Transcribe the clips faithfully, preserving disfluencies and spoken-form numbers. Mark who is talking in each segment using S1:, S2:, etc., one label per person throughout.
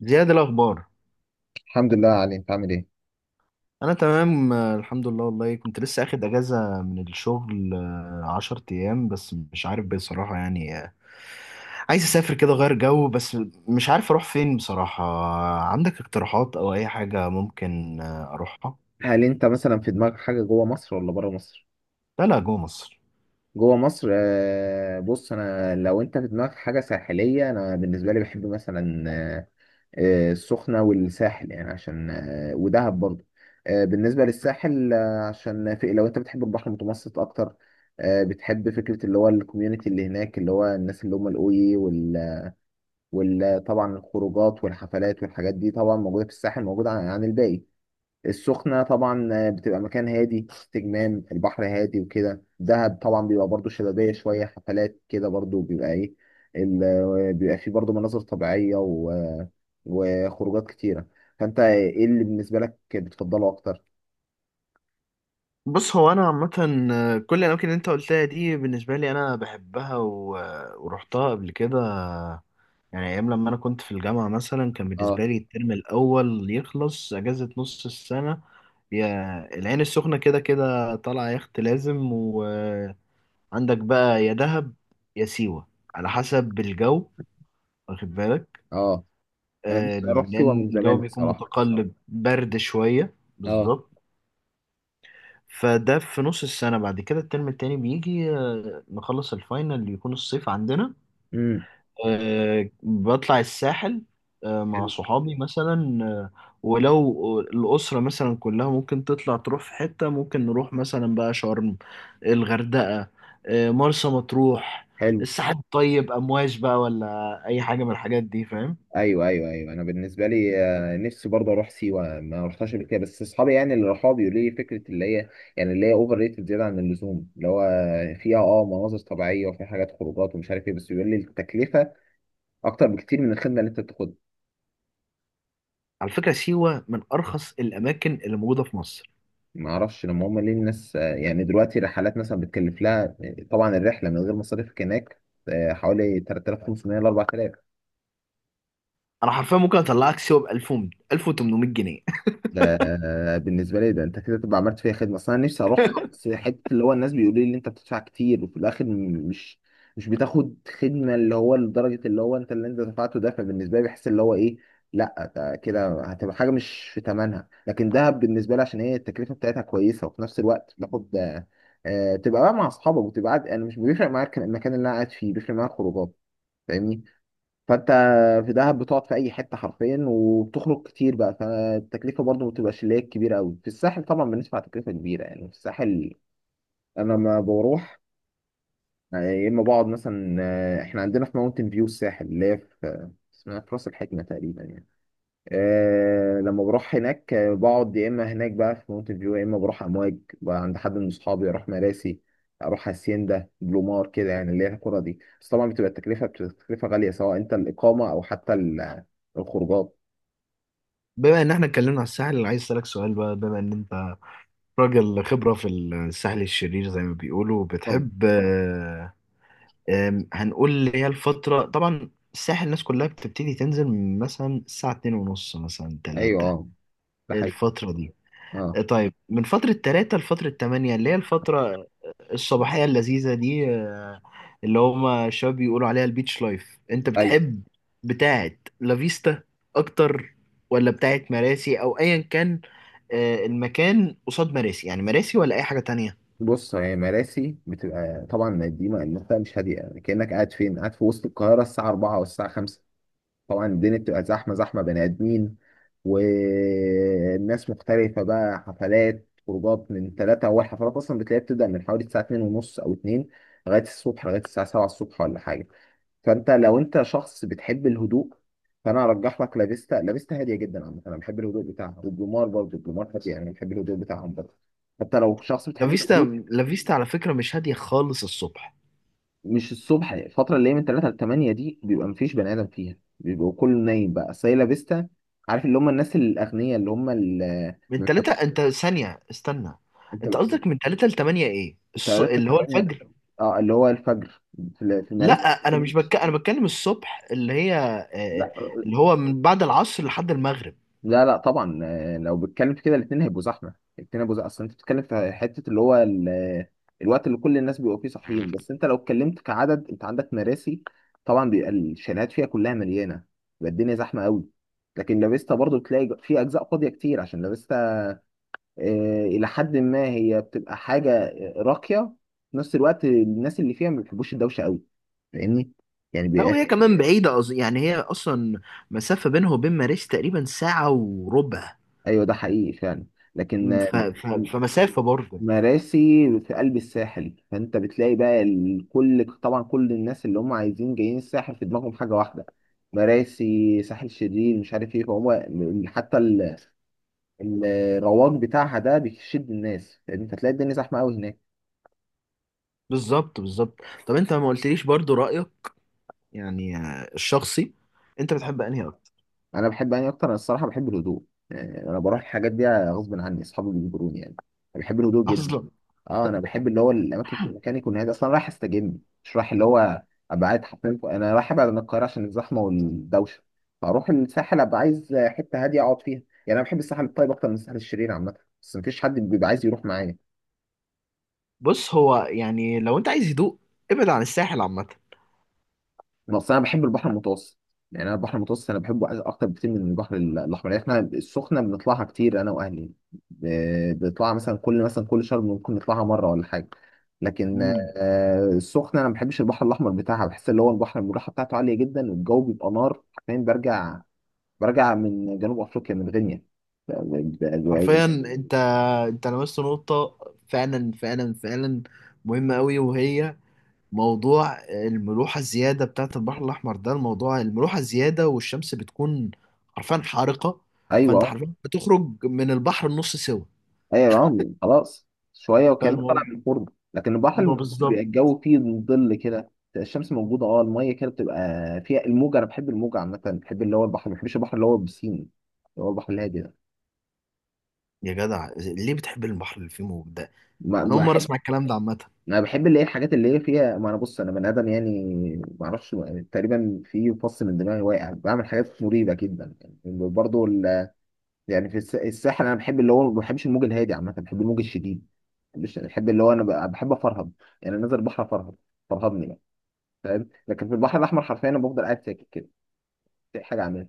S1: زياد، الأخبار.
S2: الحمد لله علي. انت عامل ايه؟
S1: أنا تمام، آه، الحمد لله. والله كنت لسه أخد أجازة من الشغل، آه، عشر أيام. بس مش عارف بصراحة يعني، آه، عايز أسافر كده أغير جو بس. مش عارف أروح فين بصراحة، آه، عندك اقتراحات أو أي حاجة ممكن آه، أروحها؟
S2: هل انت مثلا في دماغك حاجه جوه مصر ولا بره مصر؟
S1: لا لا، جوه مصر.
S2: جوه مصر. آه، بص، انا لو انت في دماغك حاجه ساحليه، انا بالنسبه لي بحب مثلا، آه، آه، السخنه والساحل، يعني عشان آه، ودهب برضه. آه، بالنسبه للساحل آه، عشان في، لو انت بتحب البحر المتوسط اكتر، آه، بتحب فكره اللي هو الكوميونتي اللي هناك، اللي هو الناس اللي هم الاوي، وال وال- طبعا الخروجات والحفلات والحاجات دي طبعا موجوده في الساحل، موجوده عن عن الباقي. السخنة طبعا بتبقى مكان هادي، استجمام، البحر هادي وكده. دهب طبعا بيبقى برضو شبابية، شوية حفلات كده، برضو بيبقى ايه، ال- بيبقى فيه برضو مناظر طبيعية و... وخروجات كتيرة. فانت ايه اللي بالنسبة لك بتفضله اكتر؟
S1: بص، هو أنا عامة، آه، كل الأماكن اللي أنت قلتها دي بالنسبة لي أنا بحبها و- آه، ورحتها قبل كده. يعني ايام لما انا كنت في الجامعه مثلا، كان
S2: اه،
S1: بالنسبه لي الترم الاول يخلص، اجازه نص السنه. يا العين السخنه، كده كده طالعه يخت لازم وعندك. بقى يا دهب، يا سيوه، على حسب الجو، واخد بالك،
S2: اه، انا
S1: آه،
S2: نفسي اروح سيوة
S1: لان
S2: من
S1: الجو
S2: زمان
S1: بيكون
S2: الصراحة.
S1: متقلب برد شويه
S2: اه.
S1: بالظبط. فده في نص السنه. بعد كده الترم التاني بيجي، آه، نخلص الفاينل، يكون الصيف عندنا.
S2: امم.
S1: أه، بطلع الساحل، أه، مع
S2: حلو.
S1: صحابي مثلا، أه. ولو الأسرة مثلا كلها ممكن تطلع، تروح في حتة ممكن نروح مثلا بقى شرم، الغردقة، أه، مرسى مطروح،
S2: حلو.
S1: الساحل الطيب، أمواج بقى، ولا أي حاجة من الحاجات دي، فاهم؟
S2: ايوه، ايوه، ايوه، انا بالنسبه لي، آه، نفسي برضه اروح سيوه، ما رحتهاش قبل كده. بس اصحابي يعني اللي راحوا بيقولوا لي فكره اللي هي، يعني اللي هي اوفر ريتد، زياده عن اللزوم، اللي هو فيها اه مناظر طبيعيه وفي حاجات خروجات ومش عارف ايه، بس بيقول لي التكلفه اكتر بكتير من الخدمه اللي انت بتاخدها.
S1: على فكرة سيوة من أرخص الأماكن اللي موجودة في مصر.
S2: ما اعرفش، لما هم ليه الناس آه، يعني دلوقتي رحلات مثلا بتكلف لها آه، طبعا الرحله من غير مصاريفك هناك آه، حوالي تلات تلاف وخمسميه ل اربعة آلاف.
S1: أنا حرفيا ممكن أطلعك سيوة ب ألف، ألف وثمنمية جنيه.
S2: ده بالنسبه لي، ده انت كده تبقى عملت فيها خدمه، اصل انا نفسي اروحها، بس حته اللي هو الناس بيقولوا لي ان انت بتدفع كتير وفي الاخر م- مش مش بتاخد خدمه اللي هو، لدرجه اللي هو انت اللي انت دفعته ده، فبالنسبه لي بحس اللي هو ايه. لا، ده كده هتبقى حاجه مش في ثمنها. لكن دهب بالنسبه لي عشان هي التكلفه بتاعتها كويسه، وفي نفس الوقت بتاخد آه، تبقى بقى مع اصحابك وتبقى قاعد. انا مش بيفرق معاك المكان اللي انا قاعد فيه، بيفرق معايا الخروجات. فاهمني. فانت، في دهب بتقعد في اي حته حرفيا وبتخرج كتير بقى، فالتكلفه برضو ما بتبقاش اللي هي كبيره قوي. في الساحل طبعا بندفع تكلفه كبيره، يعني في الساحل انا لما بروح، يا اما بقعد مثلا، آه، احنا عندنا في ماونتن فيو الساحل اللي هي في، آه، اسمها في راس الحكمه تقريبا يعني. آه لما بروح هناك آه، بقعد يا اما هناك بقى في مونتن فيو، يا اما بروح امواج بقى عند حد من اصحابي، اروح مراسي، اروح هاسيندا، بلومار كده، يعني اللي هي القرى دي. بس طبعا بتبقى التكلفه بتبقى التكلفه غاليه، سواء انت الاقامه او حتى ال- الخروجات.
S1: بما إن إحنا اتكلمنا على الساحل، اللي عايز أسألك سؤال بقى، بما إن أنت راجل خبرة في الساحل الشرير زي ما بيقولوا،
S2: طب.
S1: بتحب، آه، آم، هنقول اللي هي الفترة، طبعا الساحل الناس كلها بتبتدي تنزل من مثلا الساعة اتنين ونص، مثلا
S2: ايوه.
S1: تلاتة.
S2: اه. ده حقيقي.
S1: الفترة دي،
S2: اه.
S1: آه، طيب من فترة تلاتة لفترة تمانية، اللي هي الفترة الصباحية اللذيذة دي، آه، اللي هما الشباب بيقولوا عليها البيتش لايف، انت
S2: ايوه.
S1: بتحب بتاعت لافيستا اكتر، ولا بتاعت مراسي او ايا كان، آه، المكان قصاد مراسي، يعني مراسي ولا اي حاجة تانية؟
S2: بص، هي مراسي بتبقى طبعا دي منطقه مش هاديه، يعني كانك قاعد فين، قاعد في وسط القاهره الساعه اربعه والساعه خمسه. طبعا الدنيا بتبقى زحمه زحمه، بني ادمين، والناس مختلفه بقى، حفلات، خروجات، من ثلاثة. أول حفلات أصلا بتلاقيها بتبدأ من حوالي الساعة اتنين ونص أو اتنين لغاية الصبح، لغاية الساعة سبعة الصبح ولا حاجة. فأنت لو أنت شخص بتحب الهدوء، فأنا أرجح لك لافيستا. لافيستا هادية جدا عامة، أنا بحب الهدوء بتاعها. والبلومار برضه، البلومار هادية، أنا بحب الهدوء بتاعهم برضه. حتى لو شخص
S1: لا
S2: بتحب الهدوء.
S1: فيستا لا فيستا على فكرة مش هادية خالص الصبح.
S2: مش الصبح، الفترة اللي هي من تلاتة ل تمانية دي بيبقى مفيش بني آدم فيها، بيبقى كله نايم بقى سايلا فيستا. عارف اللي هم الناس الأغنياء، اللي هم اللي
S1: من
S2: ما
S1: تلاتة،
S2: بيحبوش.
S1: انت ثانية استنى.
S2: انت.
S1: انت قصدك من تلاتة لتمانية، ايه
S2: انت
S1: الص...
S2: تلاتة ل
S1: اللي هو
S2: تمانية.
S1: الفجر؟
S2: اه، اللي هو الفجر. في في مدارس.
S1: لا، انا مش بك... انا بتكلم الصبح اللي هي، آه،
S2: لا.
S1: اللي هو من بعد العصر لحد المغرب.
S2: لا. لا، طبعا. آه، لو بتتكلم في كده الاثنين هيبقوا زحمه، الاثنين هيبقوا زحمه، اصل انت بتتكلم في حته اللي هو ال- الوقت اللي كل الناس بيبقوا فيه صاحيين. بس انت لو اتكلمت كعدد، انت عندك مراسي، طبعا بيبقى الشاليهات فيها كلها مليانه، بيبقى الدنيا زحمه قوي. لكن لافيستا برضو بتلاقي في اجزاء فاضيه كتير، عشان لافيستا آه، الى حد ما هي بتبقى حاجه آه، راقيه، في نفس الوقت الناس اللي فيها ما بيحبوش الدوشه قوي. فاهمني؟ يعني
S1: لا،
S2: بيبقى،
S1: وهي كمان بعيدة أز... يعني هي اصلا مسافة بينها وبين ماريس تقريبا ساعة وربع.
S2: ايوه، ده حقيقي فعلا. لكن آه،
S1: ف... ف... فمسافة برضه.
S2: مراسي في قلب الساحل، فانت بتلاقي بقى ال- كل، طبعا كل الناس اللي هم عايزين جايين الساحل في دماغهم حاجه واحده، مراسي، ساحل شرير، مش عارف ايه. فهو حتى ال- الرواج بتاعها ده بيشد الناس، لان انت تلاقي الدنيا زحمه قوي هناك.
S1: بالظبط بالظبط. طب انت ما قلتليش برضه رأيك، يعني آه، الشخصي، انت بتحب انهي اكتر؟
S2: انا بحب اني اكتر؟ انا الصراحه بحب الهدوء. يعني انا بروح الحاجات دي غصب عني، اصحابي بيجبروني يعني. أنا بحب الهدوء جدا.
S1: اصلا.
S2: اه، انا بحب اللي هو الاماكن، المكان يكون هادي، اصلا رايح استجم، مش رايح اللي هو ابقى قاعد حرفيا فوق- انا رايح ابعد عن القاهره عشان الزحمه والدوشه، فاروح الساحل ابقى عايز حته هاديه اقعد فيها. يعني انا بحب الساحل الطيب اكتر من الساحل الشرير عامه، بس مفيش حد بيبقى عايز يروح معايا.
S1: بص، هو يعني لو انت عايز هدوء، ابعد عن الساحل عامة.
S2: بس انا أصلا بحب البحر المتوسط. يعني انا البحر المتوسط انا بحبه، عايز اكتر بكتير من البحر ال- الاحمر. يعني احنا السخنه بنطلعها كتير انا واهلي، ب- بنطلعها مثلا كل مثلا كل شهر، ممكن نطلعها مره ولا حاجه. لكن
S1: امم.
S2: آه، السخنه انا ما بحبش البحر الاحمر بتاعها، بحس اللي هو البحر الملاحه بتاعته عاليه جدا، والجو بيبقى نار حرفيا. برجع برجع من جنوب افريقيا، من غينيا. ب- ب- ب-
S1: حرفيا انت، انت لمست نقطة، فعلا فعلا فعلا مهمة قوي. وهي موضوع الملوحة الزيادة بتاعت البحر الأحمر ده. الموضوع الملوحة الزيادة، والشمس بتكون حرفيا حارقة، فانت
S2: ايوه،
S1: حرفيا بتخرج من البحر النص سوا.
S2: ايوه يا عم، خلاص، شويه وكانك طالع
S1: فالموضوع
S2: من الفرن. لكن البحر المتوسط بيبقى
S1: بالظبط.
S2: الجو فيه ظل كده، بتبقى الشمس موجوده، اه، الميه كده بتبقى فيها الموج. انا بحب الموج عامه، بحب اللي هو البحر، ما بحبش البحر اللي هو البسين، اللي هو البحر الهادي ده.
S1: يا جدع، ليه بتحب البحر اللي فيه موج ده؟
S2: ما
S1: أنا أول مرة
S2: بحب.
S1: أسمع الكلام ده عامة.
S2: انا بحب اللي هي الحاجات اللي هي فيها ما، انا بص، انا بني ادم يعني، ما اعرفش، تقريبا في فص من دماغي واقع بعمل حاجات مريبه جدا يعني، برضه. يعني في الس- الساحل انا بحب اللي هو، ما بحبش الموج الهادي عامه، بحب الموج الشديد، مش بحب اللي هو، انا ب- بحب افرهد، يعني نازل البحر افرهد. فرهدني بقى، فاهم؟ لكن في البحر الاحمر حرفيا انا بفضل قاعد ساكت كده، مفيش حاجه اعملها،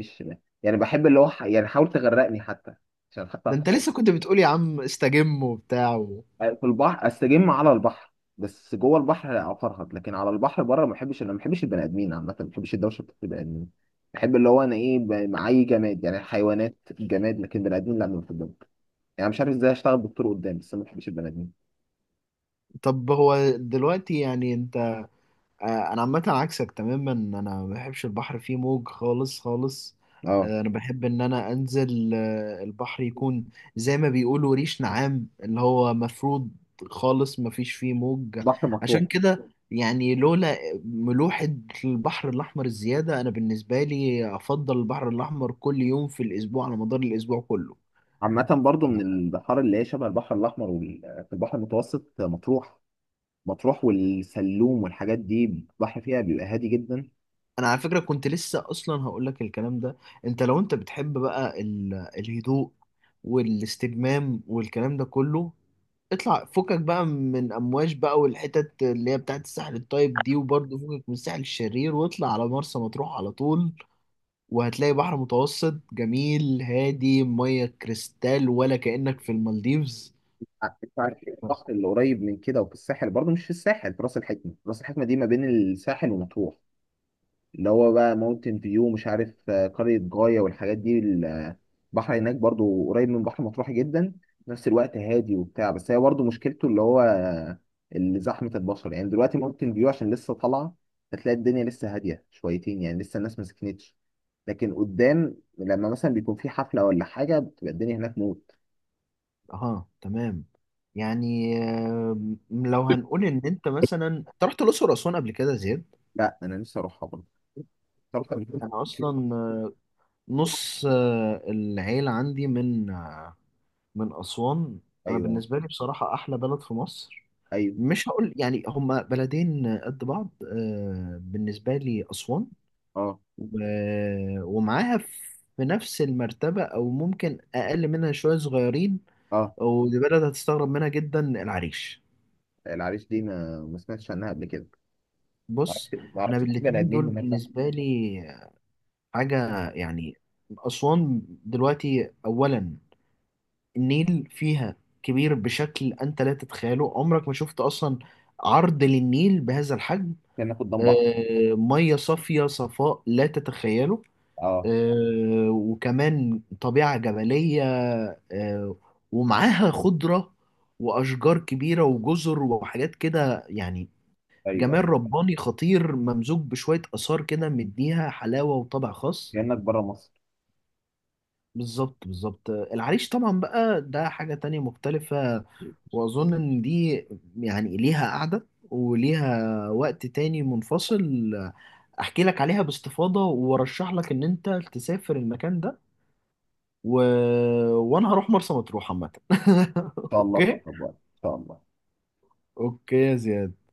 S2: مفيش. يعني بحب اللي هو ح- يعني حاول تغرقني حتى، عشان
S1: ده
S2: حتى،
S1: أنت لسه كنت بتقول يا عم استجم وبتاع.
S2: في البحر استجم على البحر. بس جوه البحر افرهد، لكن على البحر بره ما بحبش. انا ما بحبش البني ادمين عامه، ما بحبش الدوشه بتاعت البني ادمين، بحب اللي هو انا ايه ب- معايا جماد، يعني حيوانات، جماد، لكن بني ادمين لا، ما بحبهم. يعني مش عارف ازاي اشتغل دكتور قدام، بس أنا ما بحبش البني ادمين.
S1: طب هو دلوقتي يعني انت، آه، انا عامه عكسك تماما، انا ما بحبش البحر فيه موج خالص خالص.
S2: اه.
S1: آه، انا بحب ان انا انزل، آه، البحر يكون زي ما بيقولوا ريش نعام، اللي هو مفروض خالص ما فيش فيه موج.
S2: بحر
S1: عشان
S2: مطروح.
S1: كده يعني، لولا ملوحة البحر الأحمر الزيادة، أنا بالنسبة لي أفضل البحر الأحمر كل يوم في الأسبوع على مدار الأسبوع كله.
S2: عامة برضو من البحار اللي هي شبه البحر الأحمر وال- في البحر المتوسط مطروح. مطروح والسلوم والحاجات دي البحر فيها بيبقى هادي جدا.
S1: انا على فكره كنت لسه اصلا هقول لك الكلام ده. انت لو انت بتحب بقى ال- الهدوء والاستجمام والكلام ده كله، اطلع فكك بقى من امواج بقى والحتت اللي هي بتاعت الساحل الطيب دي، وبرضه فكك من الساحل الشرير، واطلع على مرسى مطروح على طول، وهتلاقي بحر متوسط جميل هادي، ميه كريستال، ولا كأنك في المالديفز.
S2: ع- انت عارف إيه البحر اللي قريب من كده، وفي الساحل برضو، مش في الساحل، في راس الحكمة. راس الحكمة دي ما بين الساحل ومطروح، اللي هو بقى ماونتن فيو، مش عارف آه، قرية جاية والحاجات دي، البحر هناك برضو قريب من بحر مطروح جدا، في نفس الوقت هادي وبتاع. بس هي برضو مشكلته اللي هو آه، اللي زحمة البشر، يعني دلوقتي ماونتن فيو عشان لسه طالعة، هتلاقي الدنيا لسه هادية شويتين، يعني لسه الناس ما سكنتش. لكن قدام لما مثلا بيكون في حفلة ولا حاجة بتبقى الدنيا هناك موت.
S1: اه تمام. يعني آه، لو هنقول ان انت مثلا انت رحت الاقصر واسوان قبل كده يا زياد،
S2: لا، أنا نفسي أروحها برضه. تعرف قبل كده؟
S1: انا اصلا نص آه، العيلة عندي من، آه، من اسوان. انا
S2: أيوه.
S1: بالنسبة لي بصراحة احلى بلد في مصر،
S2: أيوه.
S1: مش هقول يعني هما بلدين قد بعض، آه، بالنسبة لي اسوان
S2: أه.
S1: و- ومعاها في نفس المرتبة، او ممكن اقل منها شوية صغيرين،
S2: أه.
S1: ودي بلد هتستغرب منها جدا، العريش.
S2: العريش دي ما ما سمعتش عنها قبل كده. ما
S1: بص،
S2: اعرفش، ما
S1: انا
S2: اعرفش في بني
S1: بالاتنين
S2: ادمين
S1: دول
S2: هناك.
S1: بالنسبة لي حاجة يعني. أسوان دلوقتي أولا، النيل فيها كبير بشكل أنت لا تتخيله. عمرك ما شفت أصلا عرض للنيل بهذا الحجم.
S2: كأنك قدام بحر.
S1: آه، مية صافية صفاء لا تتخيله.
S2: اه،
S1: آه، وكمان طبيعة جبلية، آه، ومعاها خضرة وأشجار كبيرة وجزر وحاجات كده يعني،
S2: ايوه، ايوه،
S1: جمال رباني خطير ممزوج بشوية آثار كده، مديها حلاوة وطابع خاص.
S2: كأنك بره مصر.
S1: بالظبط بالظبط. العريش طبعا بقى ده حاجة تانية مختلفة، واظن ان دي يعني ليها قعدة وليها وقت تاني منفصل احكي لك عليها باستفاضة، وارشح لك ان انت تسافر المكان ده. و... وانا هروح مرسى مطروح عامة.
S2: ان شاء الله، في
S1: اوكي.
S2: اقرب وقت ان شاء الله.
S1: اوكي يا زياد.